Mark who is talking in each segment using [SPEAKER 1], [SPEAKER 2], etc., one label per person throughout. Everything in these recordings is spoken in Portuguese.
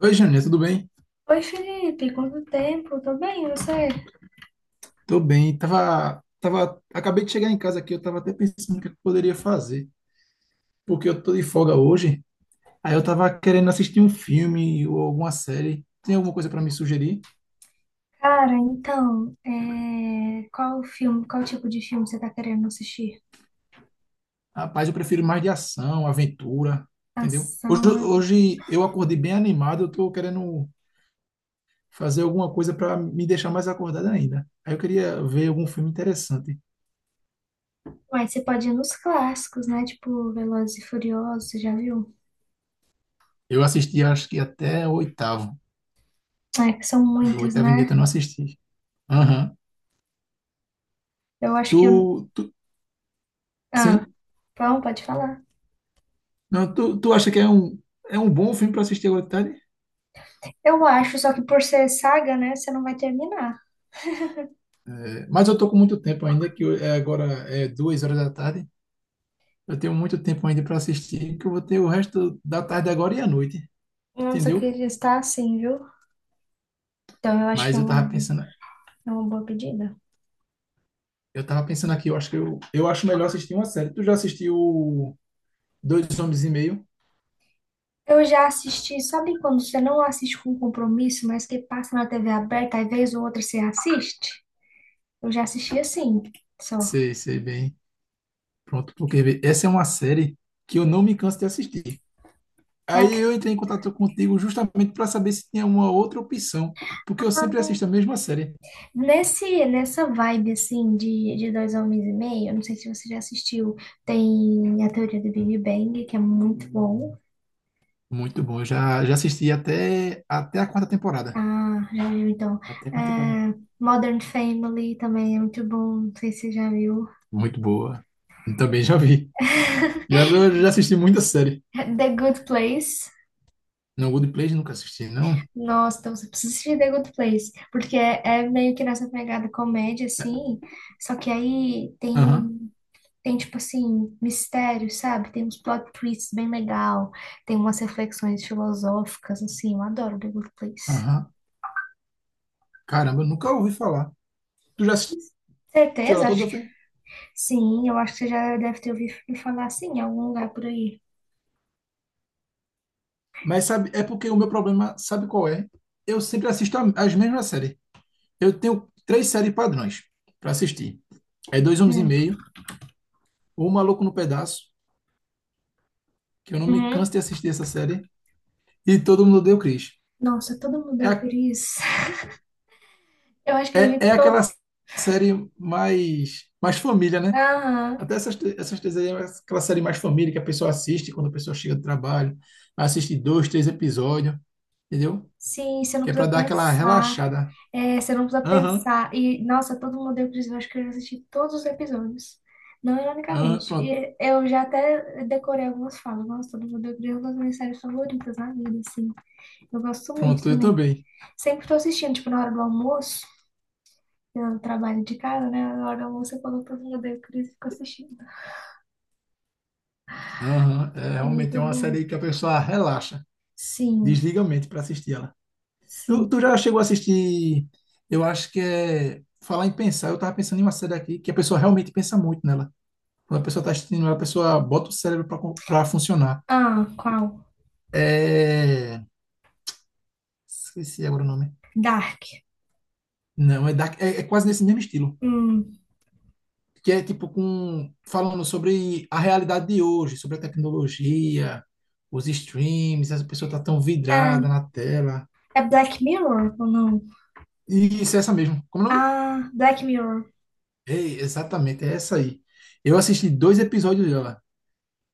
[SPEAKER 1] Oi, Jânia, tudo bem?
[SPEAKER 2] Oi, Felipe, quanto tempo? Tô bem, e você?
[SPEAKER 1] Tô bem. Tava, acabei de chegar em casa aqui, eu tava até pensando o que eu poderia fazer, porque eu tô de folga hoje, aí eu tava querendo assistir um filme ou alguma série. Tem alguma coisa para me sugerir?
[SPEAKER 2] Cara, então, qual filme, qual tipo de filme você tá querendo assistir?
[SPEAKER 1] Rapaz, eu prefiro mais de ação, aventura, entendeu? Hoje,
[SPEAKER 2] Ação, é...
[SPEAKER 1] hoje eu acordei bem animado, eu tô querendo fazer alguma coisa para me deixar mais acordado ainda. Aí eu queria ver algum filme interessante.
[SPEAKER 2] Mas você pode ir nos clássicos, né? Tipo, Velozes e Furiosos, você já viu?
[SPEAKER 1] Eu assisti, acho que até o oitavo.
[SPEAKER 2] É, que são
[SPEAKER 1] Do
[SPEAKER 2] muitas,
[SPEAKER 1] oitavo em diante
[SPEAKER 2] né?
[SPEAKER 1] eu não assisti. Aham.
[SPEAKER 2] Eu acho
[SPEAKER 1] Tu,
[SPEAKER 2] que...
[SPEAKER 1] tu,
[SPEAKER 2] Ah,
[SPEAKER 1] sim?
[SPEAKER 2] então, pode falar.
[SPEAKER 1] Não, tu acha que é um bom filme para assistir agora de tarde?
[SPEAKER 2] Eu acho, só que por ser saga, né, você não vai terminar.
[SPEAKER 1] É, mas eu tô com muito tempo ainda, é agora é 2 horas da tarde. Eu tenho muito tempo ainda para assistir, que eu vou ter o resto da tarde agora e à noite,
[SPEAKER 2] Nossa, eu
[SPEAKER 1] entendeu?
[SPEAKER 2] queria estar assim, viu? Então, eu acho que
[SPEAKER 1] Mas eu tava pensando,
[SPEAKER 2] é uma boa pedida.
[SPEAKER 1] eu tava pensando aqui, eu acho que eu acho melhor assistir uma série. Tu já assistiu Dois Homens e Meio?
[SPEAKER 2] Eu já assisti, sabe quando você não assiste com compromisso, mas que passa na TV aberta, aí vez ou outra você assiste? Eu já assisti assim, só.
[SPEAKER 1] Sei, sei bem. Pronto, porque vê, essa é uma série que eu não me canso de assistir.
[SPEAKER 2] É
[SPEAKER 1] Aí
[SPEAKER 2] que-
[SPEAKER 1] eu entrei em contato contigo justamente para saber se tinha uma outra opção, porque eu sempre assisto a mesma série.
[SPEAKER 2] Nessa vibe, assim, de dois homens e meio, eu não sei se você já assistiu, tem a teoria do Big Bang, que é muito bom.
[SPEAKER 1] Muito bom. Eu já assisti até a quarta temporada.
[SPEAKER 2] Ah, já viu então.
[SPEAKER 1] Até a quarta temporada.
[SPEAKER 2] É, Modern Family também é muito bom, não sei se você já viu.
[SPEAKER 1] Muito boa. Também já vi. Eu já assisti muita série.
[SPEAKER 2] The Good Place.
[SPEAKER 1] Não, Good Place nunca assisti, não.
[SPEAKER 2] Nossa, então você precisa assistir The Good Place, porque é meio que nessa pegada comédia,
[SPEAKER 1] É,
[SPEAKER 2] assim, só que
[SPEAKER 1] Aham,
[SPEAKER 2] tem tipo assim, mistério, sabe? Tem uns plot twists bem legal, tem umas reflexões filosóficas, assim, eu adoro The Good Place.
[SPEAKER 1] aham. Caramba, eu nunca ouvi falar. Tu já assistiu ela
[SPEAKER 2] Certeza? Acho
[SPEAKER 1] toda,
[SPEAKER 2] que
[SPEAKER 1] foi?
[SPEAKER 2] sim, eu acho que você já deve ter ouvido me falar assim em algum lugar por aí.
[SPEAKER 1] Mas sabe, é porque o meu problema, sabe qual é? Eu sempre as mesmas séries. Eu tenho três séries padrões para assistir. É Dois Homens e
[SPEAKER 2] Hum.
[SPEAKER 1] Meio, O Maluco no Pedaço, que eu não me
[SPEAKER 2] Uhum.
[SPEAKER 1] canso de assistir essa série, e Todo Mundo Odeia o Chris.
[SPEAKER 2] Nossa, todo mundo deu
[SPEAKER 1] É
[SPEAKER 2] por isso. Eu acho que eu já
[SPEAKER 1] É,
[SPEAKER 2] vi
[SPEAKER 1] é aquela
[SPEAKER 2] todo.
[SPEAKER 1] série mais família, né?
[SPEAKER 2] Aham.
[SPEAKER 1] Até essas, essas três aí, é aquela série mais família que a pessoa assiste quando a pessoa chega do trabalho, assiste dois, três episódios, entendeu?
[SPEAKER 2] Sim, você não
[SPEAKER 1] Que é para
[SPEAKER 2] precisa
[SPEAKER 1] dar aquela
[SPEAKER 2] pensar.
[SPEAKER 1] relaxada.
[SPEAKER 2] É, você não precisa
[SPEAKER 1] Aham,
[SPEAKER 2] pensar. E, nossa, todo mundo deu o Chris. Eu acho que eu já assisti todos os episódios. Não
[SPEAKER 1] aham,
[SPEAKER 2] ironicamente.
[SPEAKER 1] pronto,
[SPEAKER 2] E eu já até decorei algumas falas. Nossa, todo mundo deu o Chris é uma das minhas séries favoritas na vida, assim. Eu gosto muito
[SPEAKER 1] pronto, eu
[SPEAKER 2] também.
[SPEAKER 1] também.
[SPEAKER 2] Sempre tô assistindo, tipo, na hora do almoço. Eu trabalho de casa, né? Na hora do almoço eu coloco todo mundo deu o Chris e fico assistindo.
[SPEAKER 1] Aham, é
[SPEAKER 2] É
[SPEAKER 1] realmente é
[SPEAKER 2] muito
[SPEAKER 1] uma
[SPEAKER 2] bom.
[SPEAKER 1] série que a pessoa relaxa,
[SPEAKER 2] Sim,
[SPEAKER 1] desliga a mente para assistir ela.
[SPEAKER 2] sim.
[SPEAKER 1] Tu já chegou a assistir, eu acho que é, falar em pensar, eu tava pensando em uma série aqui que a pessoa realmente pensa muito nela. Quando a pessoa está assistindo, a pessoa bota o cérebro para funcionar.
[SPEAKER 2] Ah, qual?
[SPEAKER 1] É... Esqueci agora o nome.
[SPEAKER 2] Dark.
[SPEAKER 1] Não, dark, é quase nesse mesmo estilo.
[SPEAKER 2] Hum.
[SPEAKER 1] Que é tipo com... falando sobre a realidade de hoje, sobre a tecnologia, os streams, essa pessoa tá tão
[SPEAKER 2] É,
[SPEAKER 1] vidrada na tela.
[SPEAKER 2] é Black Mirror ou não?
[SPEAKER 1] E isso é essa mesmo. Como é o nome?
[SPEAKER 2] Ah, Black Mirror.
[SPEAKER 1] Ei, exatamente, é essa aí. Eu assisti dois episódios dela,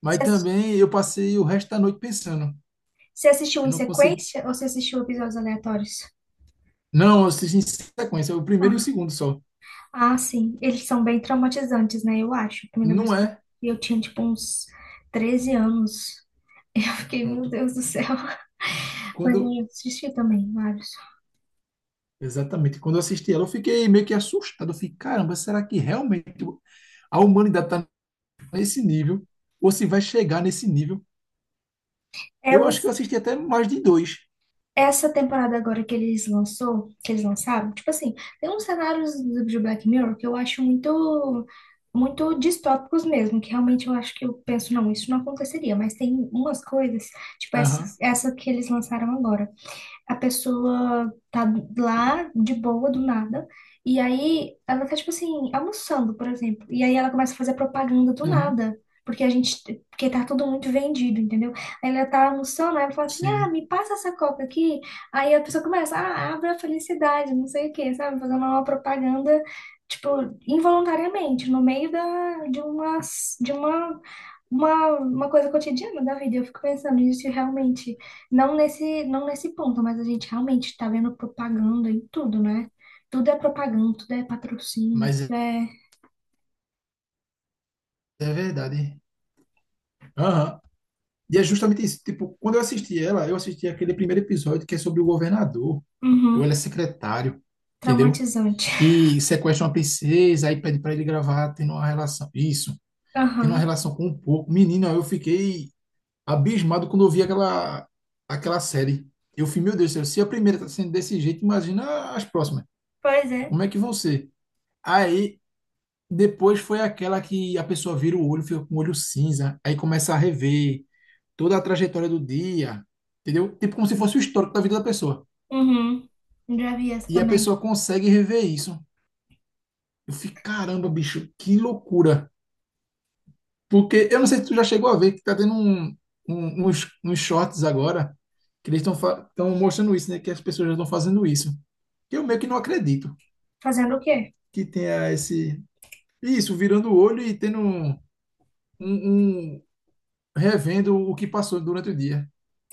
[SPEAKER 1] mas
[SPEAKER 2] Você assis-
[SPEAKER 1] também eu passei o resto da noite pensando.
[SPEAKER 2] você assistiu
[SPEAKER 1] Eu
[SPEAKER 2] em
[SPEAKER 1] não consigo.
[SPEAKER 2] sequência ou você assistiu episódios aleatórios?
[SPEAKER 1] Não, eu assisti em sequência, o primeiro e o
[SPEAKER 2] Ah,
[SPEAKER 1] segundo só.
[SPEAKER 2] ah, sim. Eles são bem traumatizantes, né? Eu acho. A primeira
[SPEAKER 1] Não
[SPEAKER 2] vez que eu
[SPEAKER 1] é.
[SPEAKER 2] vi, eu tinha, tipo, uns 13 anos. Eu fiquei, meu
[SPEAKER 1] Pronto.
[SPEAKER 2] Deus do céu. Mas eu
[SPEAKER 1] Quando
[SPEAKER 2] já assisti também, vários.
[SPEAKER 1] exatamente quando eu assisti ela, eu fiquei meio que assustado. Eu fiquei, caramba, será que realmente a humanidade está nesse nível? Ou se vai chegar nesse nível?
[SPEAKER 2] É, eu
[SPEAKER 1] Eu
[SPEAKER 2] não.
[SPEAKER 1] acho que eu assisti até mais de dois.
[SPEAKER 2] Essa temporada agora que eles lançaram, tipo assim, tem uns cenários de Black Mirror que eu acho muito, muito distópicos mesmo, que realmente eu acho que eu penso, não, isso não aconteceria, mas tem umas coisas, tipo
[SPEAKER 1] Aham,
[SPEAKER 2] essa que eles lançaram agora. A pessoa tá lá de boa, do nada, e aí ela tá, tipo assim, almoçando, por exemplo, e aí ela começa a fazer propaganda do
[SPEAKER 1] aham,
[SPEAKER 2] nada. Porque a gente, porque tá tudo muito vendido, entendeu? Aí ela tá almoçando, aí ela fala assim, ah,
[SPEAKER 1] sim.
[SPEAKER 2] me passa essa coca aqui. Aí a pessoa começa, ah, abre a felicidade, não sei o quê, sabe? Fazendo uma propaganda, tipo, involuntariamente, no meio de uma uma coisa cotidiana da vida. Eu fico pensando nisso e realmente, não nesse ponto, mas a gente realmente está vendo propaganda em tudo, né? Tudo é propaganda, tudo é patrocínio,
[SPEAKER 1] Mas é
[SPEAKER 2] tudo é
[SPEAKER 1] é verdade. Aham. E é justamente isso. Tipo, quando eu assisti ela, eu assisti aquele primeiro episódio que é sobre o governador. Ou
[SPEAKER 2] uhum,
[SPEAKER 1] ele é secretário, entendeu?
[SPEAKER 2] traumatizante.
[SPEAKER 1] Que sequestra uma princesa, aí pede para ele gravar, tendo uma relação. Isso, tendo uma
[SPEAKER 2] Aham.
[SPEAKER 1] relação com um porco. Menino, eu fiquei abismado quando eu vi aquela série. Eu fui, meu Deus do céu, se a primeira tá sendo desse jeito, imagina as próximas.
[SPEAKER 2] Pois é.
[SPEAKER 1] Como é que vão ser? Aí, depois foi aquela que a pessoa vira o olho, fica com o olho cinza, aí começa a rever toda a trajetória do dia, entendeu? Tipo como se fosse o histórico da vida da pessoa.
[SPEAKER 2] Uhum. Já vi essa
[SPEAKER 1] E a
[SPEAKER 2] também.
[SPEAKER 1] pessoa consegue rever isso. Eu fico, caramba, bicho, que loucura. Porque eu não sei se tu já chegou a ver que tá tendo uns shorts agora que eles estão mostrando isso, né? Que as pessoas já estão fazendo isso. que eu meio que não acredito
[SPEAKER 2] Fazendo o quê?
[SPEAKER 1] que tenha esse. Isso, virando o olho e tendo um- um- revendo o que passou durante o dia.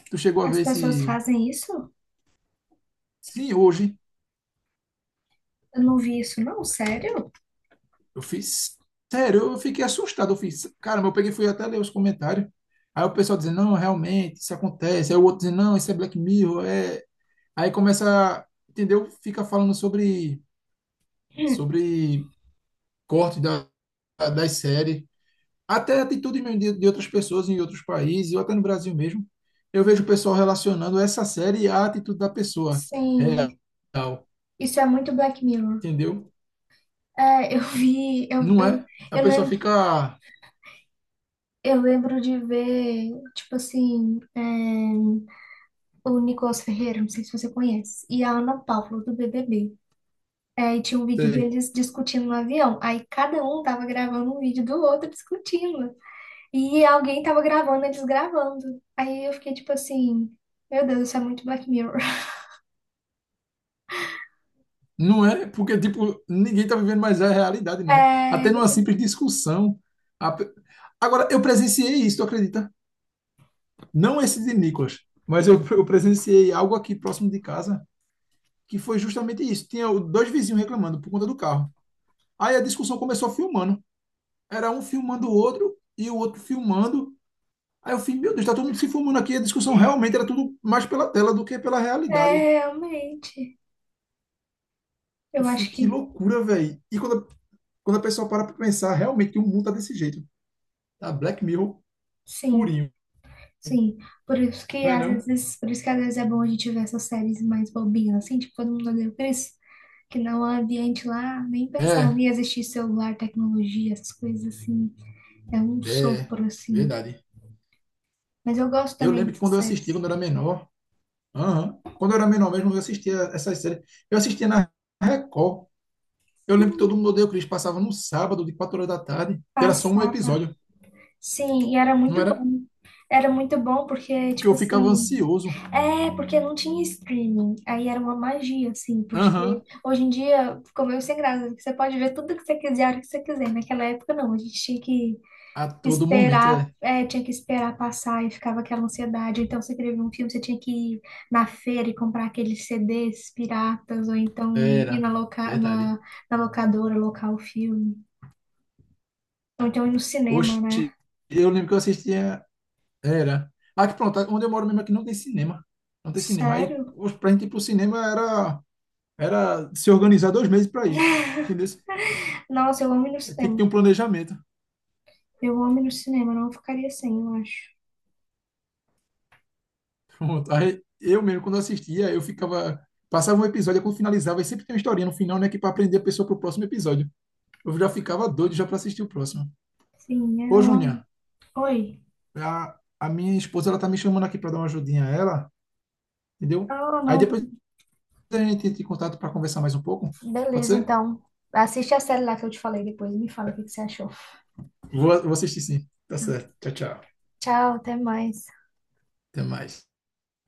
[SPEAKER 1] Tu chegou a
[SPEAKER 2] As
[SPEAKER 1] ver
[SPEAKER 2] pessoas
[SPEAKER 1] esse.
[SPEAKER 2] fazem isso?
[SPEAKER 1] Sim, hoje.
[SPEAKER 2] Eu não vi isso, não, sério?
[SPEAKER 1] Eu fiz. Sério, eu fiquei assustado. Eu fiz. Caramba, eu peguei e fui até ler os comentários. Aí o pessoal dizendo, não, realmente, isso acontece. Aí o outro dizendo, não, isso é Black Mirror. Aí começa. Entendeu? Fica falando sobre. Sobre corte da, das séries. Até a atitude mesmo de, outras pessoas em outros países, ou até no Brasil mesmo, eu vejo o pessoal relacionando essa série à atitude da pessoa
[SPEAKER 2] Sim,
[SPEAKER 1] real,
[SPEAKER 2] isso é muito Black Mirror.
[SPEAKER 1] entendeu?
[SPEAKER 2] É, eu vi,
[SPEAKER 1] Não é? A
[SPEAKER 2] eu
[SPEAKER 1] pessoa
[SPEAKER 2] lembro.
[SPEAKER 1] fica,
[SPEAKER 2] Eu lembro de ver, tipo assim, é, o Nicolas Ferreira, não sei se você conhece, e a Ana Paula, do BBB. É, e tinha um vídeo
[SPEAKER 1] sei,
[SPEAKER 2] deles discutindo no avião. Aí cada um tava gravando um vídeo do outro discutindo. E alguém tava gravando eles gravando. Aí eu fiquei tipo assim, meu Deus, isso é muito Black Mirror.
[SPEAKER 1] não é? Porque, tipo, ninguém tá vivendo mais a realidade, não.
[SPEAKER 2] É,
[SPEAKER 1] Até numa simples discussão. a pe- Agora, eu presenciei isso, tu acredita? Não esse de Nicolas, mas eu presenciei algo aqui próximo de casa, que foi justamente isso. Tinha dois vizinhos reclamando por conta do carro. Aí a discussão começou filmando. Era um filmando o outro e o outro filmando. Aí eu fiquei, meu Deus, tá todo mundo se filmando aqui. A discussão realmente era tudo mais pela tela do que pela
[SPEAKER 2] é,
[SPEAKER 1] realidade.
[SPEAKER 2] realmente.
[SPEAKER 1] Eu
[SPEAKER 2] Eu
[SPEAKER 1] fiquei,
[SPEAKER 2] acho
[SPEAKER 1] que
[SPEAKER 2] que
[SPEAKER 1] loucura, velho. E quando, quando a pessoa para pra pensar, realmente que o mundo tá desse jeito. Tá Black Mirror
[SPEAKER 2] sim,
[SPEAKER 1] purinho,
[SPEAKER 2] sim.
[SPEAKER 1] não é não?
[SPEAKER 2] Por isso que às vezes é bom a gente ver essas séries mais bobinhas, assim, tipo, todo mundo odeia o Chris. Que no ambiente lá nem pensava
[SPEAKER 1] É,
[SPEAKER 2] em existir celular, tecnologia, essas coisas assim. É um
[SPEAKER 1] é,
[SPEAKER 2] sopro, assim.
[SPEAKER 1] verdade.
[SPEAKER 2] Mas eu gosto
[SPEAKER 1] Eu
[SPEAKER 2] também
[SPEAKER 1] lembro que
[SPEAKER 2] dessas
[SPEAKER 1] quando eu assistia,
[SPEAKER 2] séries.
[SPEAKER 1] quando eu era menor, aham, quando eu era menor mesmo, eu assistia essas séries. Eu assistia na Record. Eu lembro que todo mundo odeia o Chris, passava no sábado, de 4 horas da tarde, e era só um
[SPEAKER 2] Passava.
[SPEAKER 1] episódio,
[SPEAKER 2] Sim, e era
[SPEAKER 1] não
[SPEAKER 2] muito
[SPEAKER 1] era?
[SPEAKER 2] bom. Era muito bom porque,
[SPEAKER 1] Porque
[SPEAKER 2] tipo
[SPEAKER 1] eu ficava
[SPEAKER 2] assim,
[SPEAKER 1] ansioso.
[SPEAKER 2] é porque não tinha streaming. Aí era uma magia, assim, porque
[SPEAKER 1] Aham.
[SPEAKER 2] hoje em dia ficou meio sem graça. Você pode ver tudo que você quiser, a hora que você quiser. Naquela época, não, a gente tinha que
[SPEAKER 1] A todo momento,
[SPEAKER 2] esperar,
[SPEAKER 1] é.
[SPEAKER 2] é, tinha que esperar passar e ficava aquela ansiedade. Então, você queria ver um filme, você tinha que ir na feira e comprar aqueles CDs piratas, ou então ir
[SPEAKER 1] Era.
[SPEAKER 2] na,
[SPEAKER 1] Verdade.
[SPEAKER 2] na locadora, locar o filme. Ou então ir no cinema, né?
[SPEAKER 1] Oxi, eu lembro que eu assistia. Era. Aqui, pronto, onde eu moro mesmo aqui não tem cinema. Não tem cinema. Aí,
[SPEAKER 2] Sério?
[SPEAKER 1] oxe, pra gente ir pro cinema era, se organizar 2 meses pra ir. Entendeu?
[SPEAKER 2] Nossa, eu amo ir no
[SPEAKER 1] Aí tem que ter um
[SPEAKER 2] cinema.
[SPEAKER 1] planejamento.
[SPEAKER 2] Eu amo ir no cinema, não ficaria sem, eu acho.
[SPEAKER 1] Pronto. Aí, eu mesmo, quando assistia, eu ficava. Passava um episódio, aí quando finalizava, e sempre tem uma historinha no final, né? Que pra aprender a pessoa pro próximo episódio. Eu já ficava doido já pra assistir o próximo.
[SPEAKER 2] Sim, era
[SPEAKER 1] Ô,
[SPEAKER 2] um...
[SPEAKER 1] Júnior.
[SPEAKER 2] Oi.
[SPEAKER 1] A minha esposa ela tá me chamando aqui para dar uma ajudinha a ela, entendeu?
[SPEAKER 2] Ah,
[SPEAKER 1] Aí
[SPEAKER 2] não.
[SPEAKER 1] depois a gente entra em contato para conversar mais um pouco. Pode
[SPEAKER 2] Beleza,
[SPEAKER 1] ser?
[SPEAKER 2] então. Assiste a série lá que eu te falei depois. E me fala o que que você achou.
[SPEAKER 1] Vou assistir sim. Tá certo. Tchau, tchau.
[SPEAKER 2] Tchau, até mais.
[SPEAKER 1] Até mais.